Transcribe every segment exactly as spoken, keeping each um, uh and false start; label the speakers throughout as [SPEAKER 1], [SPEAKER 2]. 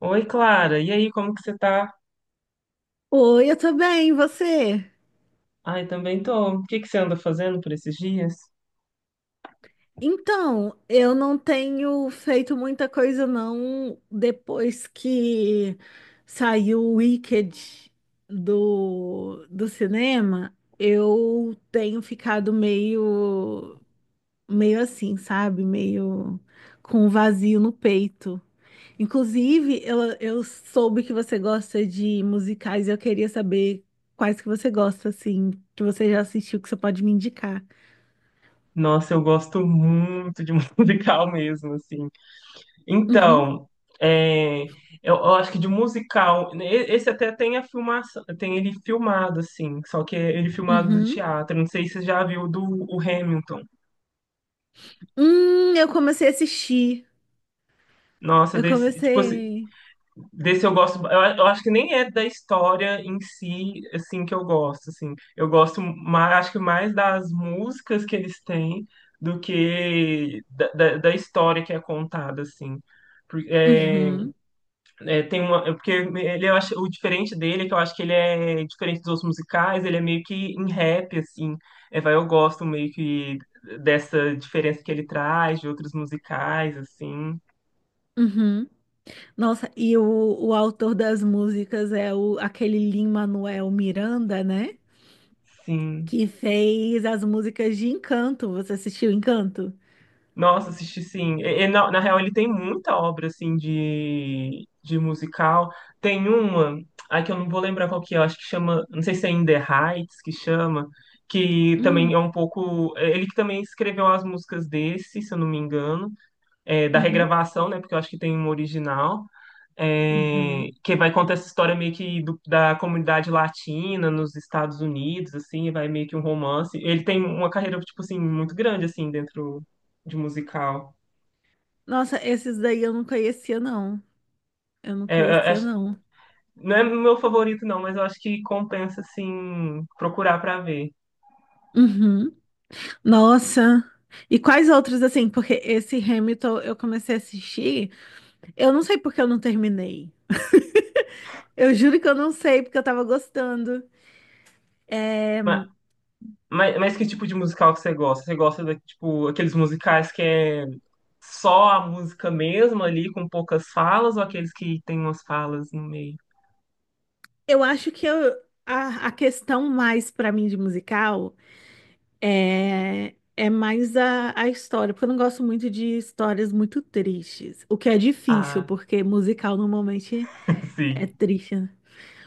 [SPEAKER 1] Oi, Clara. E aí, como que você tá?
[SPEAKER 2] Oi, eu tô bem, e você?
[SPEAKER 1] Ai, também tô. O que que você anda fazendo por esses dias?
[SPEAKER 2] Então, eu não tenho feito muita coisa não depois que saiu o Wicked do, do cinema. Eu tenho ficado meio meio assim, sabe? Meio com um vazio no peito. Inclusive, eu, eu soube que você gosta de musicais e eu queria saber quais que você gosta, assim, que você já assistiu, que você pode me indicar.
[SPEAKER 1] Nossa, eu gosto muito de musical mesmo, assim.
[SPEAKER 2] Uhum.
[SPEAKER 1] Então, é, eu, eu acho que de musical, né, e- esse até tem a filmação, tem ele filmado, assim, só que é ele filmado do
[SPEAKER 2] Uhum.
[SPEAKER 1] teatro. Não sei se você já viu do o Hamilton.
[SPEAKER 2] Hum, eu comecei a assistir.
[SPEAKER 1] Nossa,
[SPEAKER 2] Eu
[SPEAKER 1] desse, tipo, assim,
[SPEAKER 2] comecei.
[SPEAKER 1] desse eu gosto, eu, a- eu acho que nem é da história em si, assim, que eu gosto, assim. Eu gosto mais, acho que mais das músicas que eles têm do que da, da, da história que é contada, assim. Por- é,
[SPEAKER 2] Uhum.
[SPEAKER 1] é, tem uma, é porque ele, eu acho, o diferente dele é que eu acho que ele é diferente dos outros musicais, ele é meio que em rap, assim. É, vai, eu gosto meio que dessa diferença que ele traz de outros musicais, assim.
[SPEAKER 2] Uhum. Nossa, e o, o autor das músicas é o, aquele Lin-Manuel Miranda, né?
[SPEAKER 1] Sim.
[SPEAKER 2] Que fez as músicas de Encanto. Você assistiu Encanto?
[SPEAKER 1] Nossa, assisti sim. E- e na, na real, ele tem muita obra assim de, de musical. Tem uma, ai que eu não vou lembrar qual que é, eu acho que chama, não sei se é In The Heights que chama, que
[SPEAKER 2] Hum,
[SPEAKER 1] também é um pouco. é, Ele que também escreveu as músicas desse, se eu não me engano, é, da
[SPEAKER 2] uhum,
[SPEAKER 1] regravação, né? Porque eu acho que tem uma original é,
[SPEAKER 2] uhum.
[SPEAKER 1] que vai contar essa história meio que do- da comunidade latina nos Estados Unidos, assim, vai meio que um romance. Ele tem uma carreira, tipo assim, muito grande, assim, dentro de musical.
[SPEAKER 2] Nossa, esses daí eu não conhecia, não. Eu não
[SPEAKER 1] É, é,
[SPEAKER 2] conhecia,
[SPEAKER 1] é-
[SPEAKER 2] não.
[SPEAKER 1] não é meu favorito, não, mas eu acho que compensa, assim, procurar pra ver.
[SPEAKER 2] Uhum. Nossa. E quais outros, assim? Porque esse Hamilton eu comecei a assistir. Eu não sei porque eu não terminei. Eu juro que eu não sei, porque eu tava gostando.
[SPEAKER 1] Ma- Mas, mas que tipo de musical que você gosta? Você gosta, da, tipo, aqueles musicais que é só a música mesmo ali, com poucas falas, ou aqueles que tem umas falas no meio?
[SPEAKER 2] Eu acho que eu- a, a questão mais pra mim de musical é, é mais a, a história, porque eu não gosto muito de histórias muito tristes, o que é difícil,
[SPEAKER 1] Ah,
[SPEAKER 2] porque musical normalmente é
[SPEAKER 1] sim.
[SPEAKER 2] triste, né?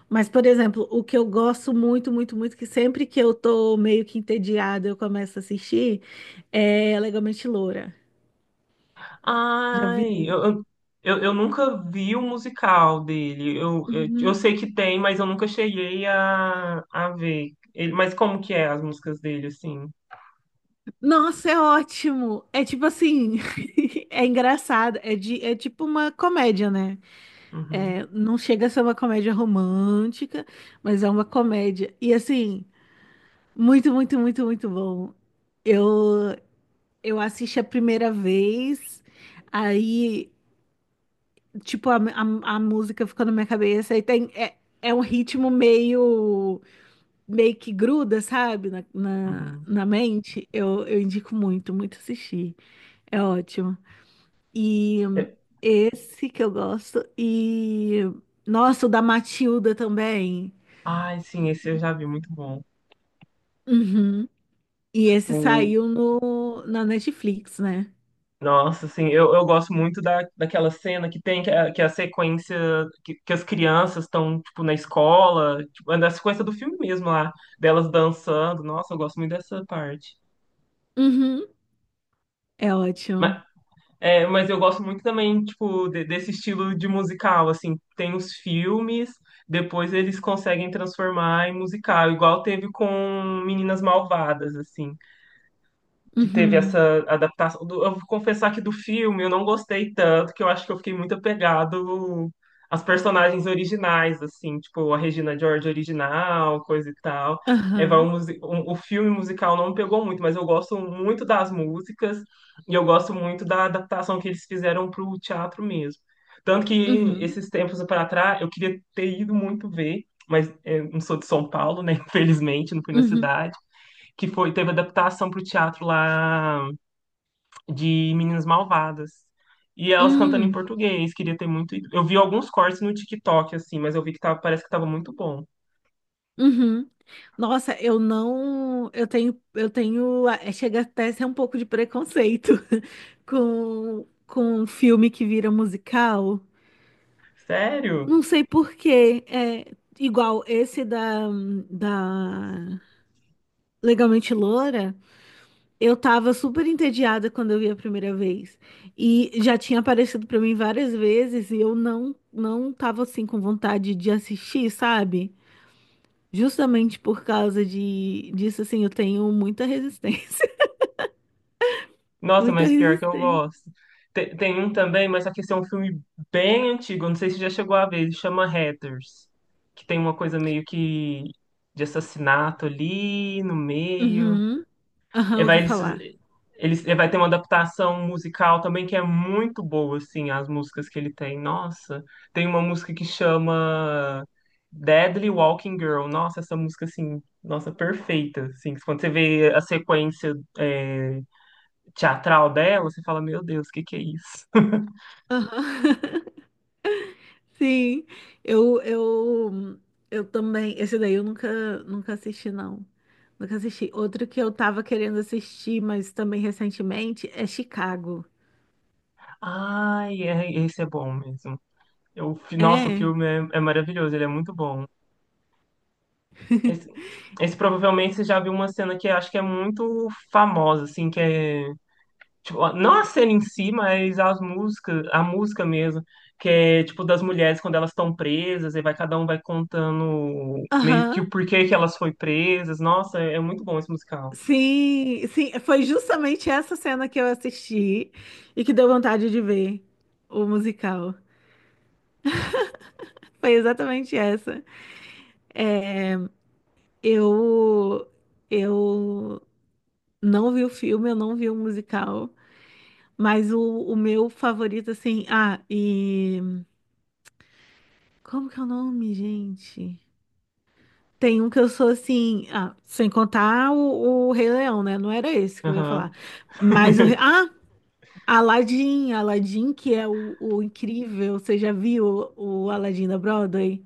[SPEAKER 2] Mas, por exemplo, o que eu gosto muito, muito, muito, que sempre que eu tô meio que entediada, eu começo a assistir, é Legalmente Loura. Já
[SPEAKER 1] Ai,
[SPEAKER 2] viu?
[SPEAKER 1] eu, eu, eu eu nunca vi o musical dele. Eu, eu, eu
[SPEAKER 2] Uhum.
[SPEAKER 1] sei que tem, mas eu nunca cheguei a, a ver. Ele, mas como que é as músicas dele, assim?
[SPEAKER 2] Nossa, é ótimo. É tipo assim, é engraçado. É, de, é tipo uma comédia, né? É,
[SPEAKER 1] Uhum,
[SPEAKER 2] não chega a ser uma comédia romântica, mas é uma comédia. E assim, muito, muito, muito, muito bom. Eu, eu assisti a primeira vez, aí, tipo, a, a, a música ficou na minha cabeça. Aí tem, é, é um ritmo meio, meio que gruda, sabe? Na, na,
[SPEAKER 1] uhum.
[SPEAKER 2] na mente. Eu, eu indico muito, muito assistir. É ótimo. E
[SPEAKER 1] É-
[SPEAKER 2] esse que eu gosto. E nossa, o da Matilda também.
[SPEAKER 1] Ai, sim, esse eu já vi, muito bom.
[SPEAKER 2] Uhum. E esse
[SPEAKER 1] O,
[SPEAKER 2] saiu no, na Netflix, né?
[SPEAKER 1] nossa, assim, eu, eu gosto muito da, daquela cena que tem, que é, que é a sequência que, que as crianças estão, tipo, na escola, tipo, é da sequência do filme mesmo lá, delas dançando. Nossa, eu gosto muito dessa parte.
[SPEAKER 2] Uhum. É ótimo.
[SPEAKER 1] É, mas eu gosto muito também, tipo, de- desse estilo de musical, assim, tem os filmes, depois eles conseguem transformar em musical, igual teve com Meninas Malvadas, assim que teve essa
[SPEAKER 2] Uhum.
[SPEAKER 1] adaptação. do- Eu vou confessar que do filme eu não gostei tanto, que eu acho que eu fiquei muito apegado às personagens originais, assim, tipo a Regina George original, coisa e tal. É, vai
[SPEAKER 2] Aham.
[SPEAKER 1] um musi- um- o filme musical não me pegou muito, mas eu gosto muito das músicas e eu gosto muito da adaptação que eles fizeram para o teatro mesmo. Tanto que
[SPEAKER 2] Uhum.
[SPEAKER 1] esses tempos para trás eu queria ter ido muito ver, mas é, não sou de São Paulo, né? Infelizmente, não fui na
[SPEAKER 2] Uhum.
[SPEAKER 1] cidade que foi, teve adaptação para o teatro lá de Meninas Malvadas. E elas cantando em
[SPEAKER 2] Uhum.
[SPEAKER 1] português, queria ter muito. Ido. Eu vi alguns cortes no TikTok, assim, mas eu vi que tava, parece que tava muito bom.
[SPEAKER 2] Uhum. Nossa, eu não. Eu tenho. Eu tenho. é, Chega até a ser um pouco de preconceito com, com um filme que vira musical.
[SPEAKER 1] Sério?
[SPEAKER 2] Não sei por quê. É igual esse da, da Legalmente Loura. Eu tava super entediada quando eu vi a primeira vez. E já tinha aparecido pra mim várias vezes e eu não não tava assim com vontade de assistir, sabe? Justamente por causa de disso assim, eu tenho muita resistência.
[SPEAKER 1] Nossa,
[SPEAKER 2] Muita
[SPEAKER 1] mas pior que eu
[SPEAKER 2] resistência.
[SPEAKER 1] gosto. Te- Tem, um também, mas só que esse é um filme bem antigo, eu não sei se já chegou a ver, ele chama Hatters, que tem uma coisa meio que de assassinato ali no meio.
[SPEAKER 2] Uhum. Aham,
[SPEAKER 1] E vai,
[SPEAKER 2] ouvi
[SPEAKER 1] eles,
[SPEAKER 2] falar.
[SPEAKER 1] eles, e vai ter uma adaptação musical também que é muito boa, assim, as músicas que ele tem. Nossa, tem uma música que chama Deadly Walking Girl. Nossa, essa música, assim, nossa, perfeita, assim. Quando você vê a sequência, é, teatral dela, você fala, meu Deus, o que que é isso?
[SPEAKER 2] Aham. Sim, eu, eu, eu também. Esse daí eu nunca, nunca assisti, não. Nunca assisti. Outro que eu tava querendo assistir, mas também recentemente, é Chicago.
[SPEAKER 1] Ai, é, esse é bom mesmo. Eu, fi- nossa, o
[SPEAKER 2] É.
[SPEAKER 1] filme é, é maravilhoso, ele é muito bom. Esse, esse provavelmente você já viu uma cena que acho que é muito famosa, assim, que é. Tipo, não a cena em si, mas as músicas, a música mesmo, que é tipo das mulheres quando elas estão presas, e vai cada um vai contando meio que
[SPEAKER 2] Aham.
[SPEAKER 1] o porquê que elas foi presas. Nossa, é é muito bom esse musical.
[SPEAKER 2] Sim, sim. Foi justamente essa cena que eu assisti e que deu vontade de ver o musical. Foi exatamente essa. É, Eu, eu não vi o filme, eu não vi o musical. Mas o, o meu favorito, assim. Ah, e. Como que é o nome, gente? Tem um que eu sou assim. Ah, sem contar o, o Rei Leão, né? Não era esse que eu ia falar.
[SPEAKER 1] Aham.
[SPEAKER 2] Mas o. Rei- Ah! Aladdin, Aladdin, que é o, o incrível. Você já viu o, o Aladdin da Broadway?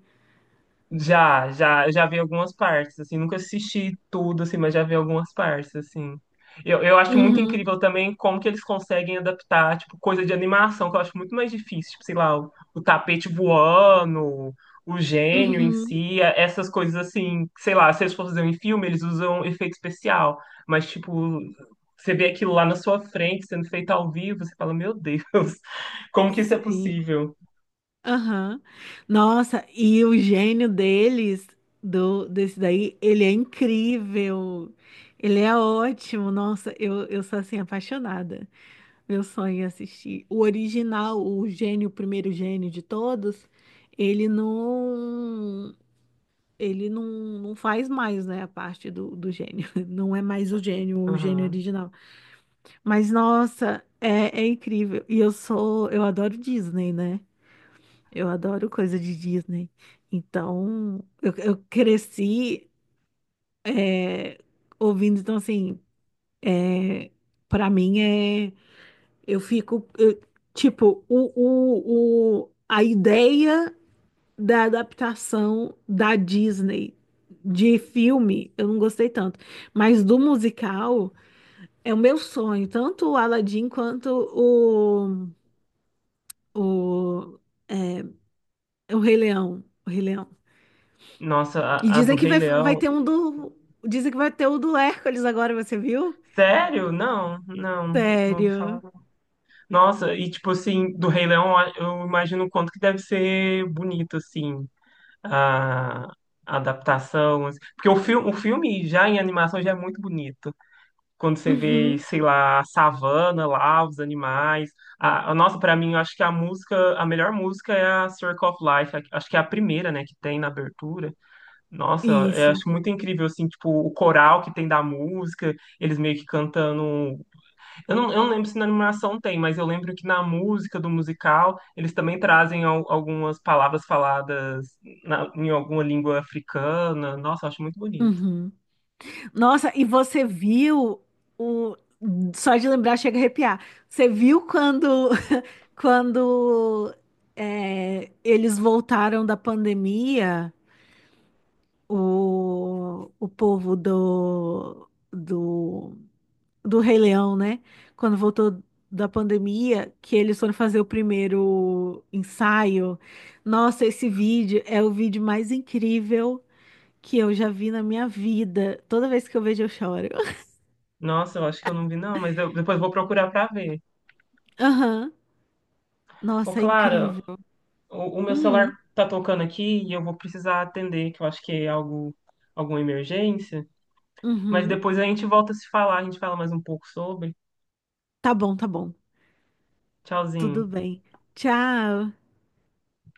[SPEAKER 1] Já, já, eu já vi algumas partes, assim, nunca assisti tudo, assim, mas já vi algumas partes, assim. Eu, eu acho muito
[SPEAKER 2] Uhum,
[SPEAKER 1] incrível também como que eles conseguem adaptar, tipo, coisa de animação, que eu acho muito mais difícil, tipo, sei lá, o, o tapete voando, o gênio em
[SPEAKER 2] uhum.
[SPEAKER 1] si, a- essas coisas assim, que, sei lá, se eles for fazer em filme, eles usam efeito especial, mas, tipo, você vê aquilo lá na sua frente, sendo feito ao vivo, você fala, meu Deus, como que isso é
[SPEAKER 2] Sim.
[SPEAKER 1] possível?
[SPEAKER 2] Aham. Nossa, e o gênio deles, do, desse daí, ele é incrível. Ele é ótimo. Nossa, eu, eu sou assim apaixonada. Meu sonho é assistir. O original, o gênio, o primeiro gênio de todos, ele não, ele não, não faz mais, né, a parte do, do gênio. Não é mais o gênio, o gênio
[SPEAKER 1] Aham.
[SPEAKER 2] original. Mas, nossa, é, é incrível. E eu sou, eu adoro Disney, né? Eu adoro coisa de Disney. Então, eu, eu cresci é, ouvindo, então assim, é, para mim é, eu fico, eu- tipo, o, o, o, a ideia da adaptação da Disney de filme, eu não gostei tanto, mas do musical é o meu sonho, tanto o Aladdin quanto o, o, o Rei Leão, o Rei Leão.
[SPEAKER 1] Nossa,
[SPEAKER 2] E
[SPEAKER 1] a, a do
[SPEAKER 2] dizem que
[SPEAKER 1] Rei
[SPEAKER 2] vai, vai
[SPEAKER 1] Leão.
[SPEAKER 2] ter um do. Dizem que vai ter o do Hércules agora, você viu?
[SPEAKER 1] Sério? Não, não, não ouvi falar.
[SPEAKER 2] Sério.
[SPEAKER 1] Nossa, e tipo assim, do Rei Leão, eu imagino o quanto que deve ser bonito, assim, a, a adaptação. Assim. Porque o filme, o filme já em animação já é muito bonito. Quando você vê,
[SPEAKER 2] Uhum.
[SPEAKER 1] sei lá, a savana lá, os animais. A, a- nossa, pra mim, eu acho que a música, a melhor música é a Circle of Life. a- Acho que é a primeira, né, que tem na abertura. Nossa, eu
[SPEAKER 2] Isso.
[SPEAKER 1] acho muito incrível, assim, tipo, o coral que tem da música eles meio que cantando eu não, eu não lembro se na animação tem, mas eu lembro que na música do musical eles também trazem al- algumas palavras faladas na- em alguma língua africana. Nossa, eu acho muito bonito.
[SPEAKER 2] Uhum. Nossa, e você viu o. Só de lembrar chega a arrepiar. Você viu quando, quando é, eles voltaram da pandemia, o, o povo do, do do Rei Leão, né? Quando voltou da pandemia, que eles foram fazer o primeiro ensaio. Nossa, esse vídeo é o vídeo mais incrível que eu já vi na minha vida. Toda vez que eu vejo, eu choro.
[SPEAKER 1] Nossa, eu acho que eu não vi, não, mas eu- depois eu vou procurar pra ver.
[SPEAKER 2] Aham.
[SPEAKER 1] Ô,
[SPEAKER 2] Nossa, é
[SPEAKER 1] Clara,
[SPEAKER 2] incrível.
[SPEAKER 1] o, o meu celular
[SPEAKER 2] Hum,
[SPEAKER 1] tá tocando aqui e eu vou precisar atender, que eu acho que é algo, alguma emergência. Mas
[SPEAKER 2] uhum.
[SPEAKER 1] depois a gente volta a se falar, a gente fala mais um pouco sobre.
[SPEAKER 2] Tá bom, tá bom. Tudo
[SPEAKER 1] Tchauzinho.
[SPEAKER 2] bem. Tchau.